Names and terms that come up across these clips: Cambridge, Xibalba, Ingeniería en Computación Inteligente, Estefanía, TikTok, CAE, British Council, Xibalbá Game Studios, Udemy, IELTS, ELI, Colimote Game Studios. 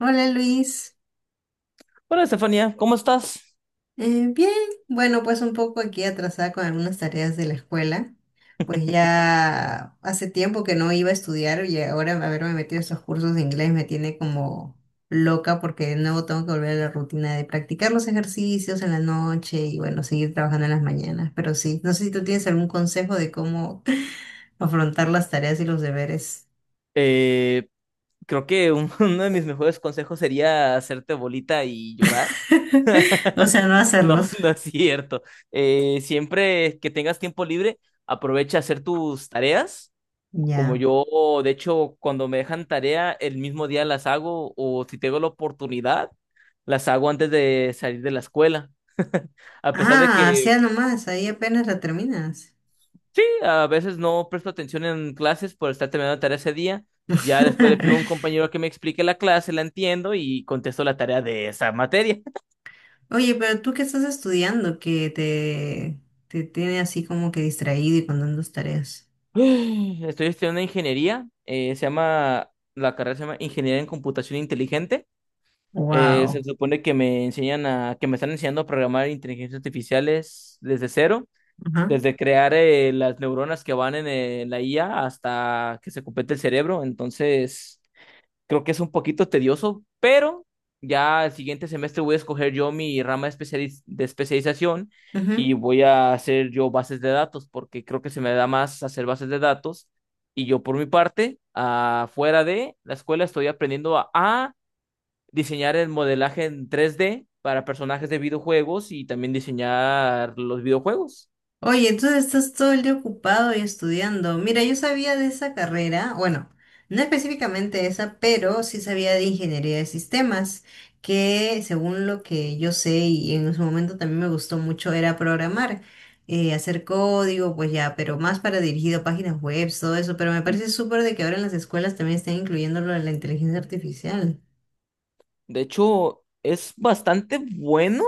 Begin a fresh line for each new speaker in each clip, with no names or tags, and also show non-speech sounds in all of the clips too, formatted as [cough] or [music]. Hola, Luis.
Hola, Estefanía, ¿cómo estás?
Bien, bueno, pues un poco aquí atrasada con algunas tareas de la escuela. Pues ya hace tiempo que no iba a estudiar y ahora haberme metido a esos cursos de inglés me tiene como loca porque de nuevo tengo que volver a la rutina de practicar los ejercicios en la noche y, bueno, seguir trabajando en las mañanas, pero sí, no sé si tú tienes algún consejo de cómo [laughs] afrontar las tareas y los deberes.
Eh, creo que [laughs] uno de mis mejores consejos sería hacerte bolita y llorar.
[laughs] O sea, no
No,
hacerlos.
[laughs] no es cierto. Siempre que tengas tiempo libre, aprovecha a hacer tus tareas. Como
Ya.
yo, de hecho, cuando me dejan tarea, el mismo día las hago o si tengo la oportunidad, las hago antes de salir de la escuela. [laughs] A pesar de
Ah,
que.
sea nomás, ahí apenas la terminas.
Sí, a veces no presto atención en clases por estar terminando la tarea ese día. Ya después le pido a un
[laughs]
compañero que me explique la clase, la entiendo y contesto la tarea de esa materia.
Oye, pero tú qué estás estudiando te tiene así como que distraído y con tantas tareas.
[gasps] [sighs] Estoy estudiando ingeniería, la carrera se llama Ingeniería en Computación Inteligente. Se
Wow.
supone que que me están enseñando a programar inteligencias artificiales desde cero,
Ajá.
desde crear las neuronas que van en la IA hasta que se complete el cerebro. Entonces, creo que es un poquito tedioso, pero ya el siguiente semestre voy a escoger yo mi rama de especialización y voy a hacer yo bases de datos, porque creo que se me da más hacer bases de datos. Y yo por mi parte, afuera de la escuela, estoy aprendiendo a diseñar el modelaje en 3D para personajes de videojuegos y también diseñar los videojuegos.
Oye, tú estás todo el día ocupado y estudiando. Mira, yo sabía de esa carrera, bueno, no específicamente esa, pero sí sabía de ingeniería de sistemas, que según lo que yo sé y en su momento también me gustó mucho era programar, hacer código, pues ya, pero más para dirigido a páginas web, todo eso, pero me parece súper de que ahora en las escuelas también estén incluyendo lo de la inteligencia artificial.
De hecho, es bastante bueno.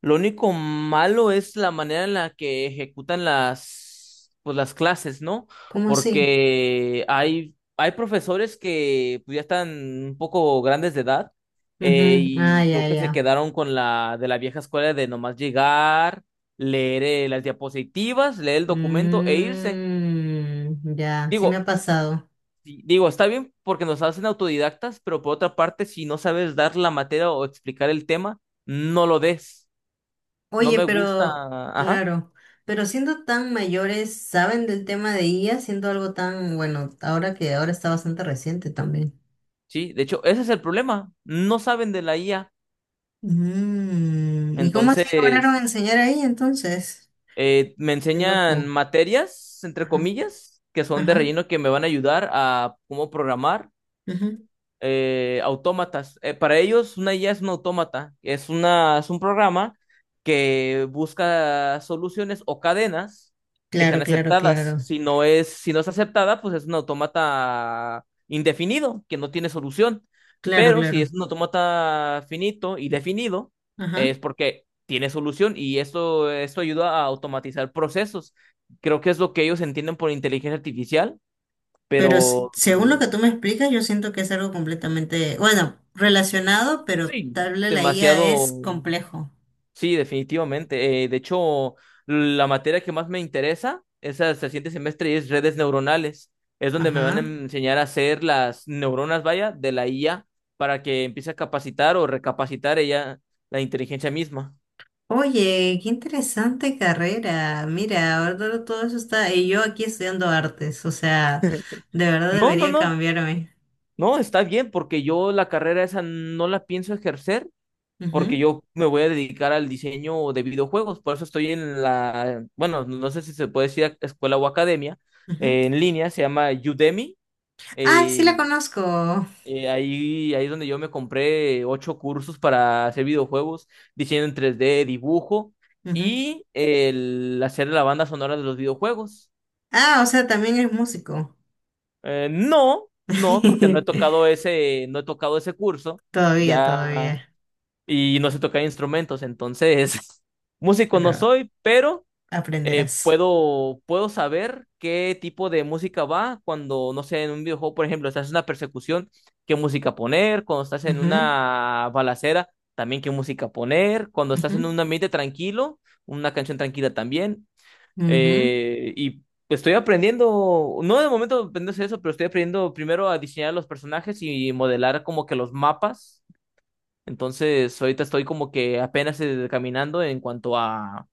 Lo único malo es la manera en la que ejecutan las, pues, las clases, ¿no?
¿Cómo así?
Porque hay profesores que, pues, ya están un poco grandes de edad,
Ujú. Ah,
y creo
ya,
que se
ya.
quedaron con la de la vieja escuela de nomás llegar, leer las diapositivas, leer el documento e irse.
Mm, ya, sí me ha
Digo,
pasado.
digo, está bien porque nos hacen autodidactas, pero por otra parte, si no sabes dar la materia o explicar el tema, no lo des. No
Oye,
me gusta.
pero
Ajá.
claro, pero siendo tan mayores, ¿saben del tema de IA? Siendo algo tan, bueno, ahora que ahora está bastante reciente también.
Sí, de hecho, ese es el problema. No saben de la IA.
Mm, ¿y cómo así lograron
Entonces,
enseñar ahí entonces?
me
Qué
enseñan
loco.
materias, entre
Ajá,
comillas, que son de
ajá,
relleno que me van a ayudar a cómo programar
ujú.
autómatas. Para ellos, una IA es un autómata, es un programa que busca soluciones o cadenas que sean
Claro, claro,
aceptadas.
claro.
Si no es aceptada, pues es un autómata indefinido, que no tiene solución.
Claro,
Pero si
claro.
es un autómata finito y definido,
Ajá.
es porque tiene solución, y esto ayuda a automatizar procesos. Creo que es lo que ellos entienden por inteligencia artificial,
Pero
pero
según lo que tú me explicas, yo siento que es algo completamente, bueno, relacionado, pero
sí,
tal vez la IA
demasiado.
es complejo.
Sí, definitivamente. De hecho, la materia que más me interesa es hasta el siguiente semestre y es redes neuronales. Es donde me van a
Ajá.
enseñar a hacer las neuronas, vaya, de la IA para que empiece a capacitar o recapacitar ella la inteligencia misma.
Oye, qué interesante carrera. Mira, ahora todo eso está. Y yo aquí estudiando artes, o sea, de verdad
No, no,
debería
no.
cambiarme.
No, está bien porque yo la carrera esa no la pienso ejercer porque
Ujú,
yo me voy a dedicar al diseño de videojuegos. Por eso estoy en la, bueno, no sé si se puede decir escuela o academia,
ujú.
en línea, se llama Udemy.
Ah, sí la
eh,
conozco.
Eh, ahí, ahí es donde yo me compré ocho cursos para hacer videojuegos, diseño en 3D dibujo
Ujú.
y el hacer la banda sonora de los videojuegos.
Ah, o sea, también es músico.
No, no, porque
[laughs]
no he tocado ese curso
Todavía,
ya
todavía,
y no sé tocar instrumentos, entonces [laughs] músico no
pero
soy, pero eh,
aprenderás.
puedo, puedo saber qué tipo de música va cuando, no sé, en un videojuego, por ejemplo, estás en una persecución, qué música poner, cuando estás en
Ujú,
una balacera, también qué música poner, cuando estás en
ujú,
un ambiente tranquilo, una canción tranquila también.
ujú.
Y estoy aprendiendo, no de momento aprendiendo a hacer eso, pero estoy aprendiendo primero a diseñar los personajes y modelar como que los mapas. Entonces, ahorita estoy como que apenas caminando en cuanto a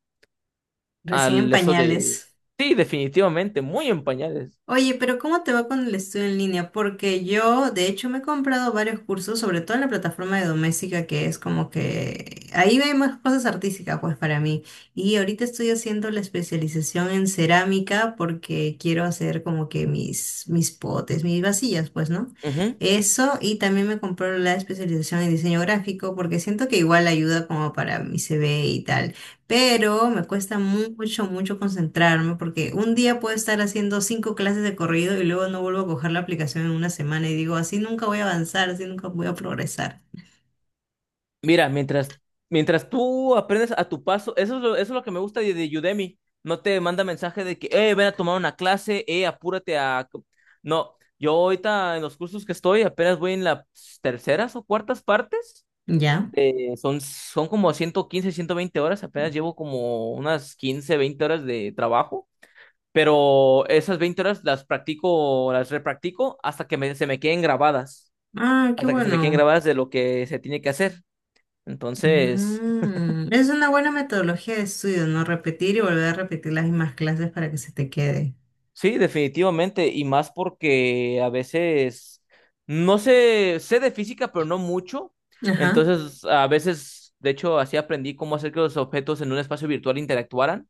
Recién en
al eso de...
pañales.
Sí, definitivamente, muy en pañales.
Oye, pero ¿cómo te va con el estudio en línea? Porque yo, de hecho, me he comprado varios cursos, sobre todo en la plataforma de doméstica, que es como que ahí hay más cosas artísticas, pues para mí. Y ahorita estoy haciendo la especialización en cerámica porque quiero hacer como que mis potes, mis vasillas, pues, ¿no?
Ujú.
Eso, y también me compré la especialización en diseño gráfico porque siento que igual ayuda como para mi CV y tal, pero me cuesta mucho, mucho concentrarme porque un día puedo estar haciendo 5 clases de corrido y luego no vuelvo a coger la aplicación en una semana y digo, así nunca voy a avanzar, así nunca voy a progresar.
Mira, mientras tú aprendes a tu paso, eso es lo que me gusta de Udemy. No te manda mensaje de que, ven a tomar una clase, apúrate a... No, yo ahorita en los cursos que estoy apenas voy en las terceras o cuartas partes.
¿Ya?
Son como 115 120 horas, apenas llevo como unas 15 20 horas de trabajo. Pero esas 20 horas las practico, las repractico hasta que se me queden grabadas,
Ah, qué
hasta que se me queden
bueno.
grabadas de lo que se tiene que hacer. Entonces,
Mm, es una buena metodología de estudio, ¿no? Repetir y volver a repetir las mismas clases para que se te quede.
sí, definitivamente, y más porque a veces no sé, sé de física, pero no mucho.
Ajá.
Entonces, a veces, de hecho, así aprendí cómo hacer que los objetos en un espacio virtual interactuaran,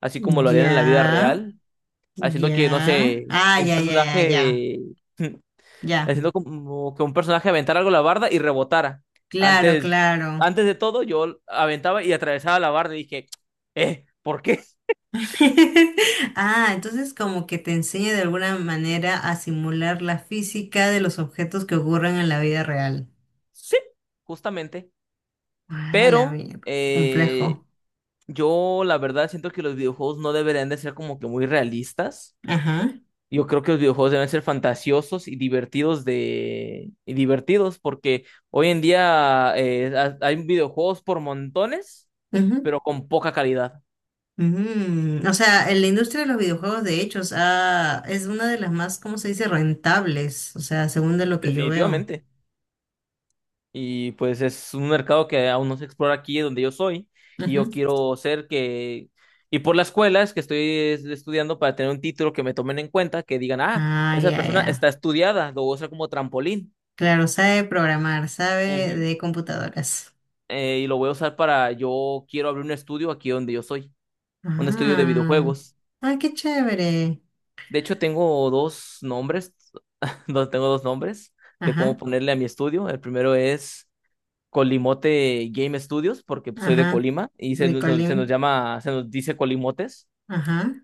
así como lo harían en la vida
Ya,
real,
ya.
haciendo que, no sé,
Ah,
un
ya, ya, ya, ya.
personaje [laughs]
Ya.
haciendo como que un personaje aventara algo a la barda y rebotara.
Claro,
Antes,
claro.
antes de todo, yo aventaba y atravesaba la barda y dije, ¿por qué? [laughs]
[laughs] Ah, entonces como que te enseña de alguna manera a simular la física de los objetos que ocurren en la vida real.
Sí, justamente.
Ah, la
Pero
mierda, qué
eh,
complejo.
yo la verdad siento que los videojuegos no deberían de ser como que muy realistas.
Ajá,
Yo creo que los videojuegos deben ser fantasiosos y divertidos porque hoy en día hay videojuegos por montones,
ujú,
pero con poca calidad,
mm. O sea, en la industria de los videojuegos, de hecho, o sea, es una de las más, ¿cómo se dice?, rentables, o sea, según de lo que yo veo.
definitivamente. Y pues es un mercado que aún no se explora aquí donde yo soy. Y
Ujú.
yo quiero ser que... Y por las escuelas que estoy estudiando para tener un título que me tomen en cuenta, que digan, ah,
Ah,
esa
ya,
persona
ya.
está estudiada, lo voy a usar como trampolín.
Claro, sabe programar, sabe
Ujú.
de computadoras.
Y lo voy a usar para, yo quiero abrir un estudio aquí donde yo soy, un estudio de
Ah,
videojuegos.
ah, qué chévere.
De hecho, tengo dos nombres, [laughs] no, tengo dos nombres de cómo
Ajá,
ponerle a mi estudio. El primero es... Colimote Game Studios, porque, pues, soy de
ajá,
Colima y
Nicolín.
se nos dice Colimotes,
Ajá.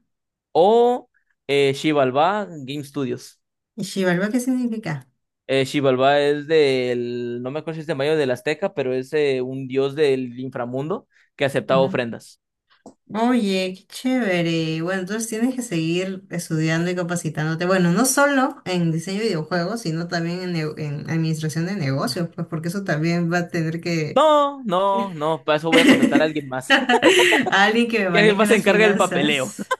o Xibalbá Game Studios.
¿Y Xibalba qué significa?
Xibalbá es del, no me acuerdo si es de Mayo del Azteca, pero es un dios del inframundo que aceptaba
Ajá.
ofrendas.
Oye, qué chévere. Bueno, entonces tienes que seguir estudiando y capacitándote. Bueno, no solo en diseño de videojuegos, sino también en, en administración de negocios, pues porque eso también va a tener que...
No, no, no, para eso voy a contratar a
[laughs]
alguien más. [laughs]
Alguien que me
Y alguien
maneje
más se
las
encarga del papeleo.
finanzas,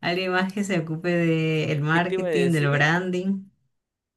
alguien más que se ocupe del
[laughs] ¿Qué te iba a
marketing, del
decir?
branding.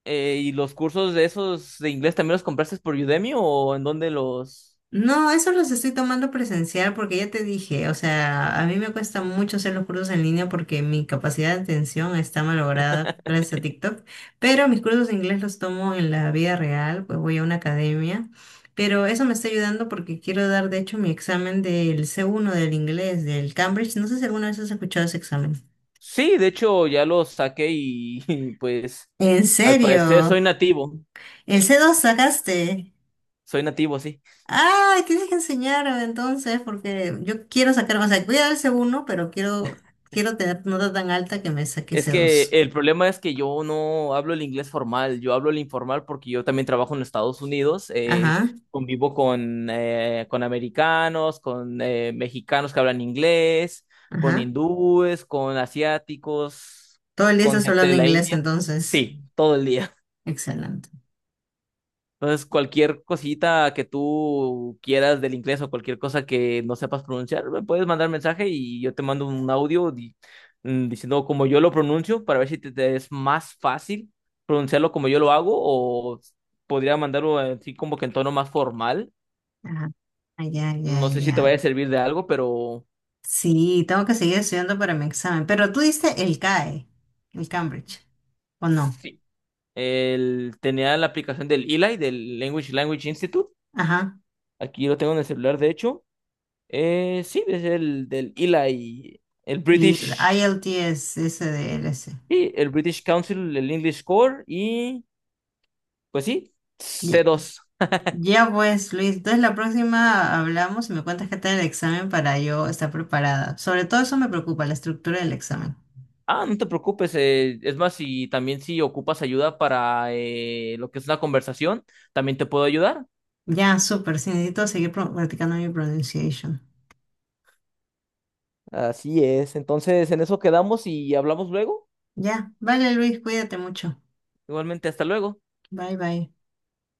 ¿Y los cursos de esos de inglés también los compraste por Udemy o en dónde los...?
No, eso los estoy tomando presencial porque ya te dije, o sea, a mí me cuesta mucho hacer los cursos en línea porque mi capacidad de atención está malograda gracias a TikTok, pero mis cursos de inglés los tomo en la vida real, pues voy a una academia, pero eso me está ayudando porque quiero dar de hecho mi examen del C1 del inglés, del Cambridge, no sé si alguna vez has escuchado ese examen.
Sí, de hecho ya lo saqué y, [laughs] pues
¿En
al parecer
serio? ¿El C2 sacaste?
soy nativo, sí.
Ah, tienes que enseñarme entonces, porque yo quiero sacar, o sea, voy a dar ese uno, pero quiero, quiero tener nota tan alta que me saque
Es
ese
que
dos.
el problema es que yo no hablo el inglés formal, yo hablo el informal porque yo también trabajo en Estados Unidos,
Ajá,
convivo con americanos, con mexicanos que hablan inglés, con
ajá.
hindúes, con asiáticos,
Todo el día
con
estás
gente de
hablando
la
inglés,
India.
entonces.
Sí, todo el día.
Excelente.
Entonces, cualquier cosita que tú quieras del inglés o cualquier cosa que no sepas pronunciar, me puedes mandar mensaje y yo te mando un audio diciendo cómo yo lo pronuncio para ver si te es más fácil pronunciarlo como yo lo hago o podría mandarlo así como que en tono más formal.
Ajá. Ah, ya, ya,
No sé si te vaya
ya.
a servir de algo, pero
Sí, tengo que seguir estudiando para mi examen. Pero tú diste el CAE, el Cambridge, ¿o no?
sí. Tenía la aplicación del ELI, del Language Institute.
Ajá.
Aquí lo tengo en el celular, de hecho. Sí, es el del ELI, el
Y el
British.
IELTS, ese de LS.
Y el British Council, el English Core y, pues, sí, C2.
Ya pues, Luis, entonces la próxima hablamos y me cuentas qué tal el examen para yo estar preparada. Sobre todo eso me preocupa, la estructura del examen.
Ah, no te preocupes. Es más, si también si ocupas ayuda para lo que es la conversación, también te puedo ayudar.
Ya, súper, sí, necesito seguir practicando mi pronunciation.
Así es. Entonces, en eso quedamos y hablamos luego.
Ya, vale Luis, cuídate mucho.
Igualmente, hasta luego.
Bye bye.